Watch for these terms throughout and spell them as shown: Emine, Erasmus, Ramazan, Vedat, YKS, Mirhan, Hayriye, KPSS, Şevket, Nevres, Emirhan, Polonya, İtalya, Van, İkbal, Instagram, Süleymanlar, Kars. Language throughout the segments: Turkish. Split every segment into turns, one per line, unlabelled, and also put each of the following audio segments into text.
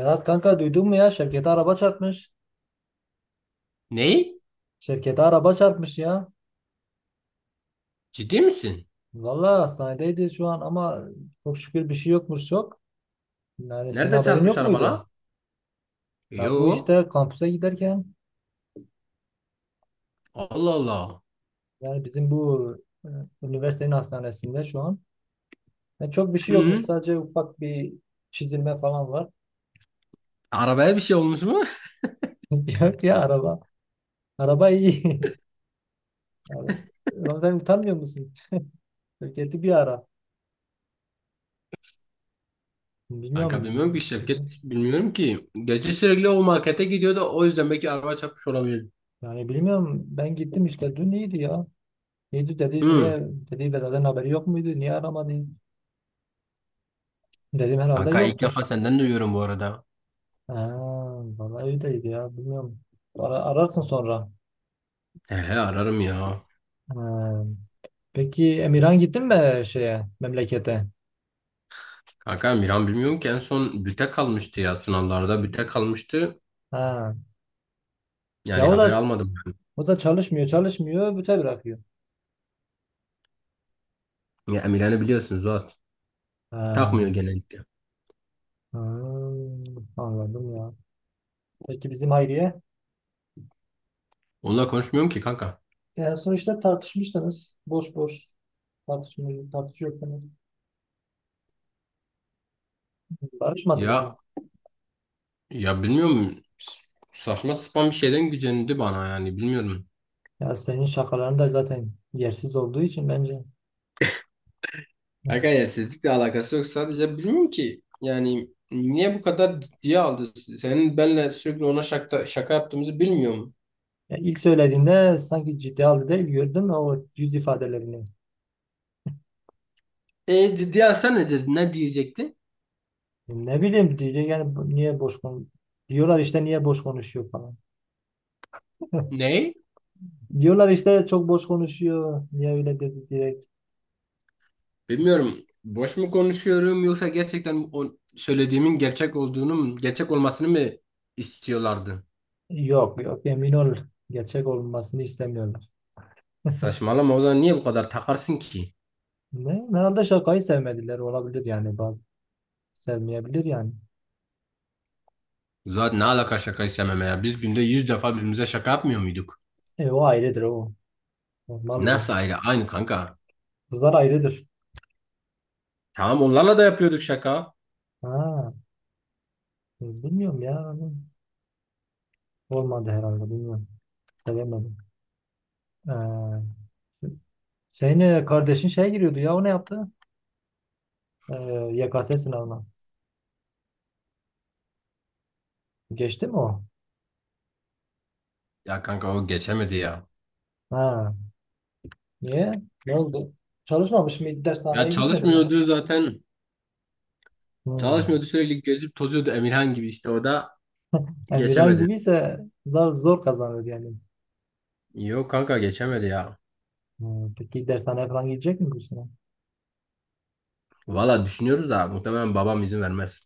Vedat kanka duydun mu ya? Şevket'e araba çarpmış.
Ney?
Şevket'e araba çarpmış ya.
Ciddi misin?
Vallahi hastanedeydi şu an ama çok şükür bir şey yokmuş çok. Yani senin
Nerede
haberin
çarpmış
yok muydu?
arabana?
Ya bu
Yo.
işte kampüse giderken
Allah Allah.
yani bizim bu e, üniversitenin hastanesinde şu an ya çok bir şey yokmuş,
Hı.
sadece ufak bir çizilme falan var.
Arabaya bir şey olmuş mu?
Yok ya, araba. Araba iyi. Yani, Ramazan utanmıyor musun? Şevket'i bir ara.
Kanka bilmiyorum
Bilmiyorum.
ki Şevket. Bilmiyorum ki. Gece sürekli o markete gidiyordu. O yüzden belki araba çarpmış olabilir.
Yani bilmiyorum, ben gittim işte, dün iyiydi ya. İyi dedi,
Hı.
niye dedi, Vedat'ın haberi yok muydu? Niye aramadı? Dedim herhalde
Kanka ilk defa
yoktur.
senden duyuyorum bu arada.
Ha, vallahi öyleydi ya, bilmiyorum. Ararsın sonra.
He he, ararım ya.
Ha. Peki Emirhan, gittin mi şeye, memlekete?
Kanka Miran bilmiyorum ki, en son büte kalmıştı ya. Sınavlarda büte kalmıştı.
Ha. Ya
Yani
o
haber
da
almadım ben.
çalışmıyor, büte bırakıyor.
Ya Miran'ı biliyorsun Zuhat.
Ha.
Takmıyor genellikle.
Hmm, anladım ya. Peki bizim Hayriye?
Onunla konuşmuyorum ki kanka.
En son işte tartışmıştınız. Boş boş tartışıyordunuz. Barışmadınız mı?
Ya Ya bilmiyorum, saçma sapan bir şeyden gücenildi bana, yani bilmiyorum.
Ya senin şakaların da zaten yersiz olduğu için, bence.
Aga yersizlikle alakası yok, sadece bilmiyorum ki yani niye bu kadar ciddiye aldı? Senin benle sürekli ona şaka yaptığımızı bilmiyorum.
Ya ilk söylediğinde sanki ciddi halde değil, gördüm o yüz ifadelerini.
E ciddiye alsa nedir? Ne diyecekti?
Ne bileyim, diyecek yani niye boş kon diyorlar işte, niye boş konuşuyor falan.
Ne?
Diyorlar işte çok boş konuşuyor. Niye öyle dedi direkt.
Bilmiyorum. Boş mu konuşuyorum, yoksa gerçekten o söylediğimin gerçek olduğunu mu, gerçek olmasını mı istiyorlardı?
Yok yok, emin ol, gerçek olmasını istemiyorlar.
Saçmalama, o zaman niye bu kadar takarsın ki?
Ne? Herhalde şakayı sevmediler, olabilir yani, bazı sevmeyebilir yani.
Zaten ne alaka şaka istememe ya? Biz günde yüz defa birbirimize şaka yapmıyor muyduk?
E, o ayrıdır o. Normaldir.
Nasıl ayrı? Aynı kanka.
Kızlar ayrıdır.
Tamam, onlarla da yapıyorduk şaka.
Ha, bilmiyorum ya. Olmadı herhalde, bilmiyorum. Sevemedim. Ee, Senin kardeşin şeye giriyordu ya, o ne yaptı? Ee, YKS sınavına. Geçti mi o?
Ya kanka o geçemedi ya.
Ha. Niye? Ne oldu? Çalışmamış mı? Dershaneye
Ya
gitmedi mi?
çalışmıyordu zaten.
Hmm.
Çalışmıyordu, sürekli gezip tozuyordu Emirhan gibi, işte o da
Emirhan
geçemedi.
gibiyse zor kazanır yani.
Yok kanka, geçemedi ya.
Hmm. Peki dershaneye falan gidecek mi bu sene?
Valla düşünüyoruz da muhtemelen babam izin vermez.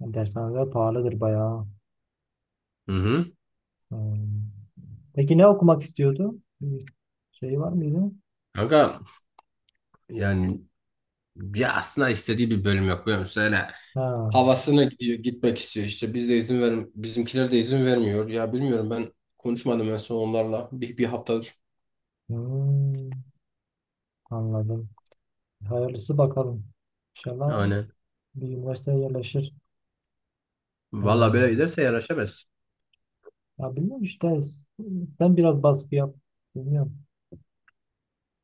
Yani dershaneler pahalıdır bayağı.
Hı hı.
Hmm. Peki ne okumak istiyordu? Bir şey var mıydı?
Kanka, yani ya aslında istediği bir bölüm yok biliyor musun? Öyle
Ha.
havasına gidiyor, gitmek istiyor, işte biz de izin ver, bizimkiler de izin vermiyor. Ya bilmiyorum, ben konuşmadım en son onlarla bir haftadır.
Hmm. Anladım. Hayırlısı bakalım. İnşallah
Aynen.
bir üniversiteye yerleşir.
Valla böyle
Hmm.
giderse yaraşamaz.
Ya bilmiyorum işte, sen biraz baskı yap. Bilmiyorum.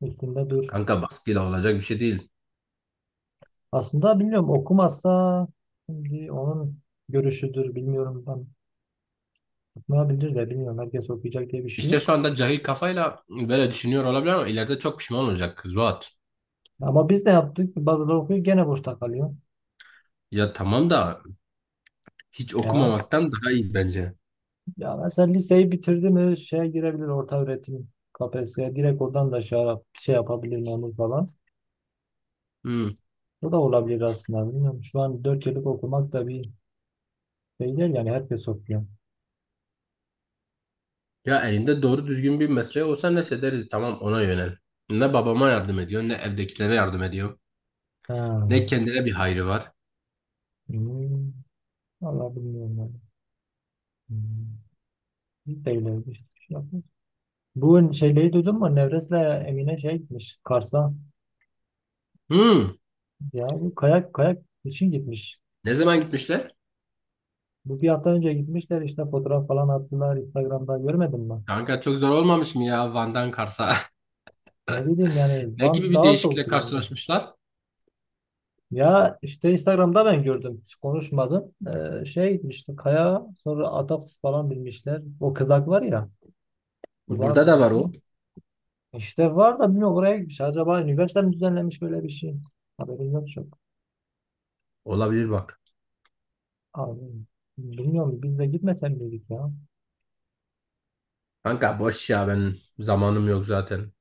Üstünde dur.
Kanka baskıyla olacak bir şey değil.
Aslında bilmiyorum, okumazsa şimdi onun görüşüdür, bilmiyorum. Ben okumayabilir de, bilmiyorum. Herkes okuyacak diye bir şey
İşte şu
yok.
anda cahil kafayla böyle düşünüyor olabilir ama ileride çok pişman olacak kız Zuhat.
Ama biz de yaptık. Bazıları okuyor, gene boşta kalıyor.
Ya tamam da hiç
Ya,
okumamaktan daha iyi bence.
ya mesela liseyi bitirdi mi şeye girebilir, orta öğretim KPSS'ye, direkt oradan da şey, şey yapabilir, memur falan.
Hmm.
Bu da olabilir aslında, bilmiyorum. Şu an 4 yıllık okumak da bir şey değil yani, herkes okuyor.
Ya elinde doğru düzgün bir mesleği olsa neyse deriz, tamam, ona yönel. Ne babama yardım ediyor, ne evdekilere yardım ediyor.
Ha.
Ne kendine bir hayrı var.
Hmm. Vallahi bilmiyorum ben. Hmm. Biz de öyle bir şey yapmıyoruz. Bu şeyleri duydun mu? Nevres'le Emine şey gitmiş, Kars'a.
Hmm.
Ya bu kayak için gitmiş.
Ne zaman gitmişler?
Bu bir hafta önce gitmişler işte, fotoğraf falan attılar Instagram'da, görmedin mi?
Kanka çok zor olmamış mı ya Van'dan Kars'a?
Ne bileyim yani,
Ne gibi
Van
bir
daha
değişiklikle
soğuktur bence.
karşılaşmışlar?
Ya işte Instagram'da ben gördüm. Hiç konuşmadım. Şey gitmişti kaya, sonra atak falan binmişler. O kızak var ya, kızağa
Burada da var
binmişler.
o.
İşte var da, bilmiyorum oraya gitmiş. Acaba üniversite mi düzenlemiş böyle bir şey? Haberim yok şu.
Olabilir bak.
Abi, bilmiyorum, biz de gitmesen miydik ya?
Kanka boş ya, ben zamanım yok zaten.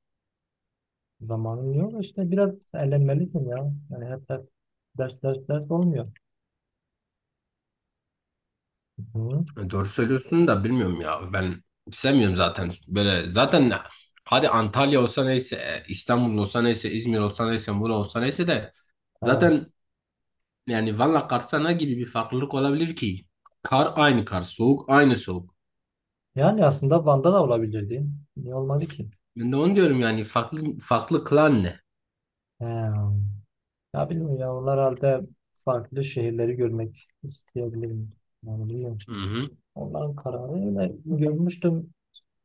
Zamanın yok işte, biraz eğlenmelisin ya. Yani hep ders olmuyor. Hı.
Doğru söylüyorsun da bilmiyorum ya. Ben sevmiyorum zaten böyle. Zaten hadi Antalya olsa neyse, İstanbul olsa neyse, İzmir olsa neyse, Muğla olsa neyse de
Ha.
zaten, yani Van'la Kars'ta ne gibi bir farklılık olabilir ki? Kar aynı kar, soğuk aynı soğuk.
Yani aslında Van'da da olabilirdi. Niye olmadı ki?
Ben de onu diyorum, yani farklı farklı kılan ne?
He. Ya bilmiyorum ya, onlar halde farklı şehirleri görmek isteyebilirim. Yani bilmiyorum.
Hı hı.
Onların kararı öyle görmüştüm.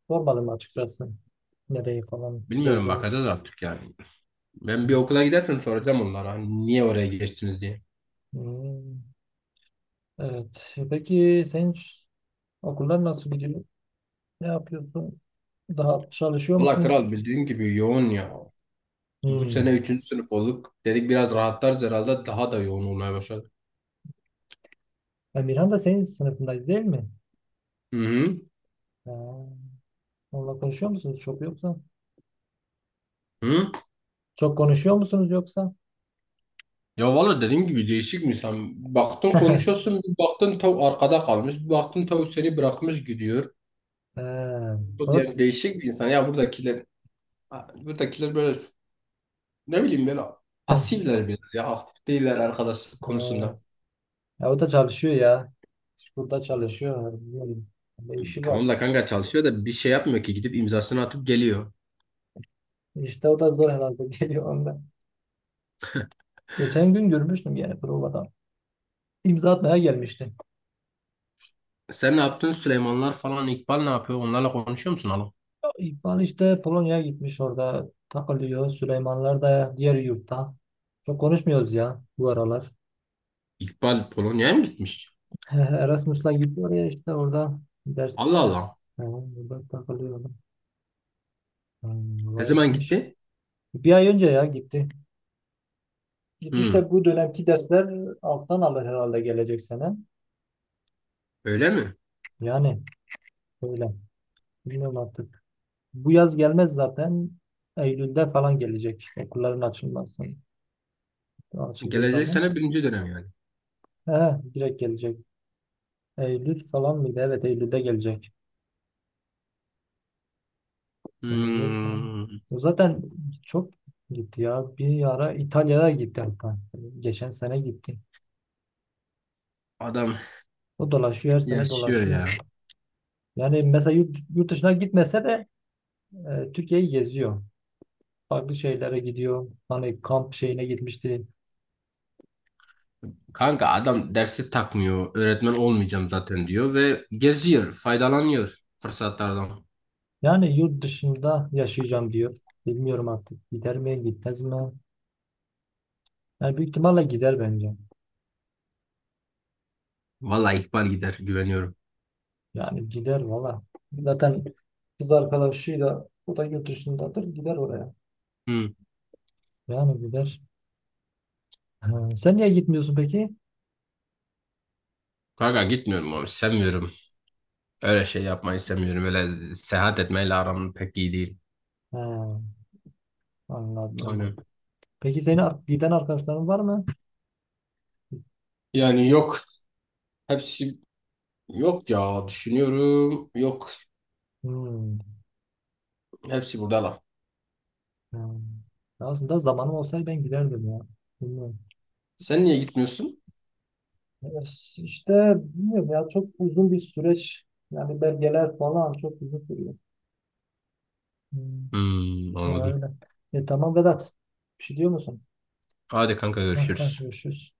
Sormadım açıkçası. Nereyi falan
Bilmiyorum,
gezdiniz.
bakacağız artık yani. Ben bir
Hı.
okula gidersem soracağım onlara, hani niye oraya geçtiniz diye.
Hı. Evet. Peki senin okullar nasıl gidiyor? Ne yapıyorsun? Daha çalışıyor
Valla
musun?
kral, bildiğin gibi yoğun ya. Bu sene
Hmm.
üçüncü sınıf olduk. Dedik biraz rahatlarız, herhalde daha da yoğun olmaya başladı.
Ya Mirhan da senin sınıfındaydı değil mi?
Hı hı.
Ha. Onunla konuşuyor musunuz çok yoksa?
Hı?
Çok konuşuyor musunuz yoksa?
Ya valla dediğim gibi, değişik mi insan? Baktın konuşuyorsun, bir baktın tav arkada kalmış, bir baktın tav seni bırakmış gidiyor.
Ha.
Bu,
O da,
yani değişik bir insan. Ya buradakiler böyle ne bileyim, böyle pasifler biraz ya, aktif değiller arkadaşlık
Ha.
konusunda.
Ya o da çalışıyor ya. School'da çalışıyor. Bilmiyorum. Bir işi var.
Tamam da kanka çalışıyor da bir şey yapmıyor ki, gidip imzasını atıp geliyor.
İşte o da zor herhalde geliyor onda. Geçen gün görmüştüm yani provada. İmza atmaya gelmişti.
Sen ne yaptın? Süleymanlar falan, İkbal ne yapıyor? Onlarla konuşuyor musun oğlum?
İkbal işte Polonya'ya gitmiş, orada takılıyor. Süleymanlar da diğer yurtta. Çok konuşmuyoruz ya bu aralar.
İkbal Polonya'ya mı gitmiş?
He, Erasmus'la gidiyor ya, işte orada ders
Allah
ders
Allah.
yani, burada takılıyor adam. Hmm,
Ne
vay,
zaman
gitmiş.
gitti?
1 ay önce ya gitti. Gitti
Hmm,
işte, bu dönemki dersler alttan alır herhalde gelecek sene.
öyle mi?
Yani öyle. Bilmiyorum artık. Bu yaz gelmez zaten. Eylül'de falan gelecek. Okulların açılması. Açıldığı
Gelecek
zaman.
sene birinci dönem yani.
He, direkt gelecek. Eylül falan mıydı? Evet, Eylül'de gelecek. Gelecek mi?
Hmm,
O zaten çok gitti ya. Bir ara İtalya'ya gitti hatta. Geçen sene gitti.
adam
O dolaşıyor, her sene
yaşıyor
dolaşıyor.
ya.
Yani mesela yurt dışına gitmese de Türkiye'yi geziyor. Farklı şeylere gidiyor. Hani kamp şeyine gitmişti.
Kanka adam dersi takmıyor. Öğretmen olmayacağım zaten diyor ve geziyor, faydalanıyor fırsatlardan.
Yani yurt dışında yaşayacağım diyor. Bilmiyorum artık, gider mi gitmez mi? Yani büyük ihtimalle gider bence.
Vallahi ihbar gider, güveniyorum.
Yani gider valla. Zaten kız arkadaşıyla, o da yurt dışındadır, gider oraya.
Hmm.
Yani gider. Ha, sen niye gitmiyorsun peki?
Kanka gitmiyorum abi, sevmiyorum. Öyle şey yapmayı sevmiyorum. Öyle seyahat etmeyle aram pek iyi değil.
Ha, anladım.
Aynen.
Peki senin giden arkadaşların var mı?
Yani yok. Hepsi, yok ya. Düşünüyorum. Yok.
Hmm,
Hepsi burada lan.
ha. Aslında zamanım olsaydı ben giderdim ya. Bilmiyorum.
Sen niye gitmiyorsun?
Evet, İşte bilmiyorum ya, çok uzun bir süreç. Yani belgeler falan çok uzun sürüyor. Hmm,
Hmm,
ya
anladım.
öyle. E, tamam Vedat. Bir şey diyor musun?
Hadi kanka,
Ha, ha,
görüşürüz.
görüşürüz.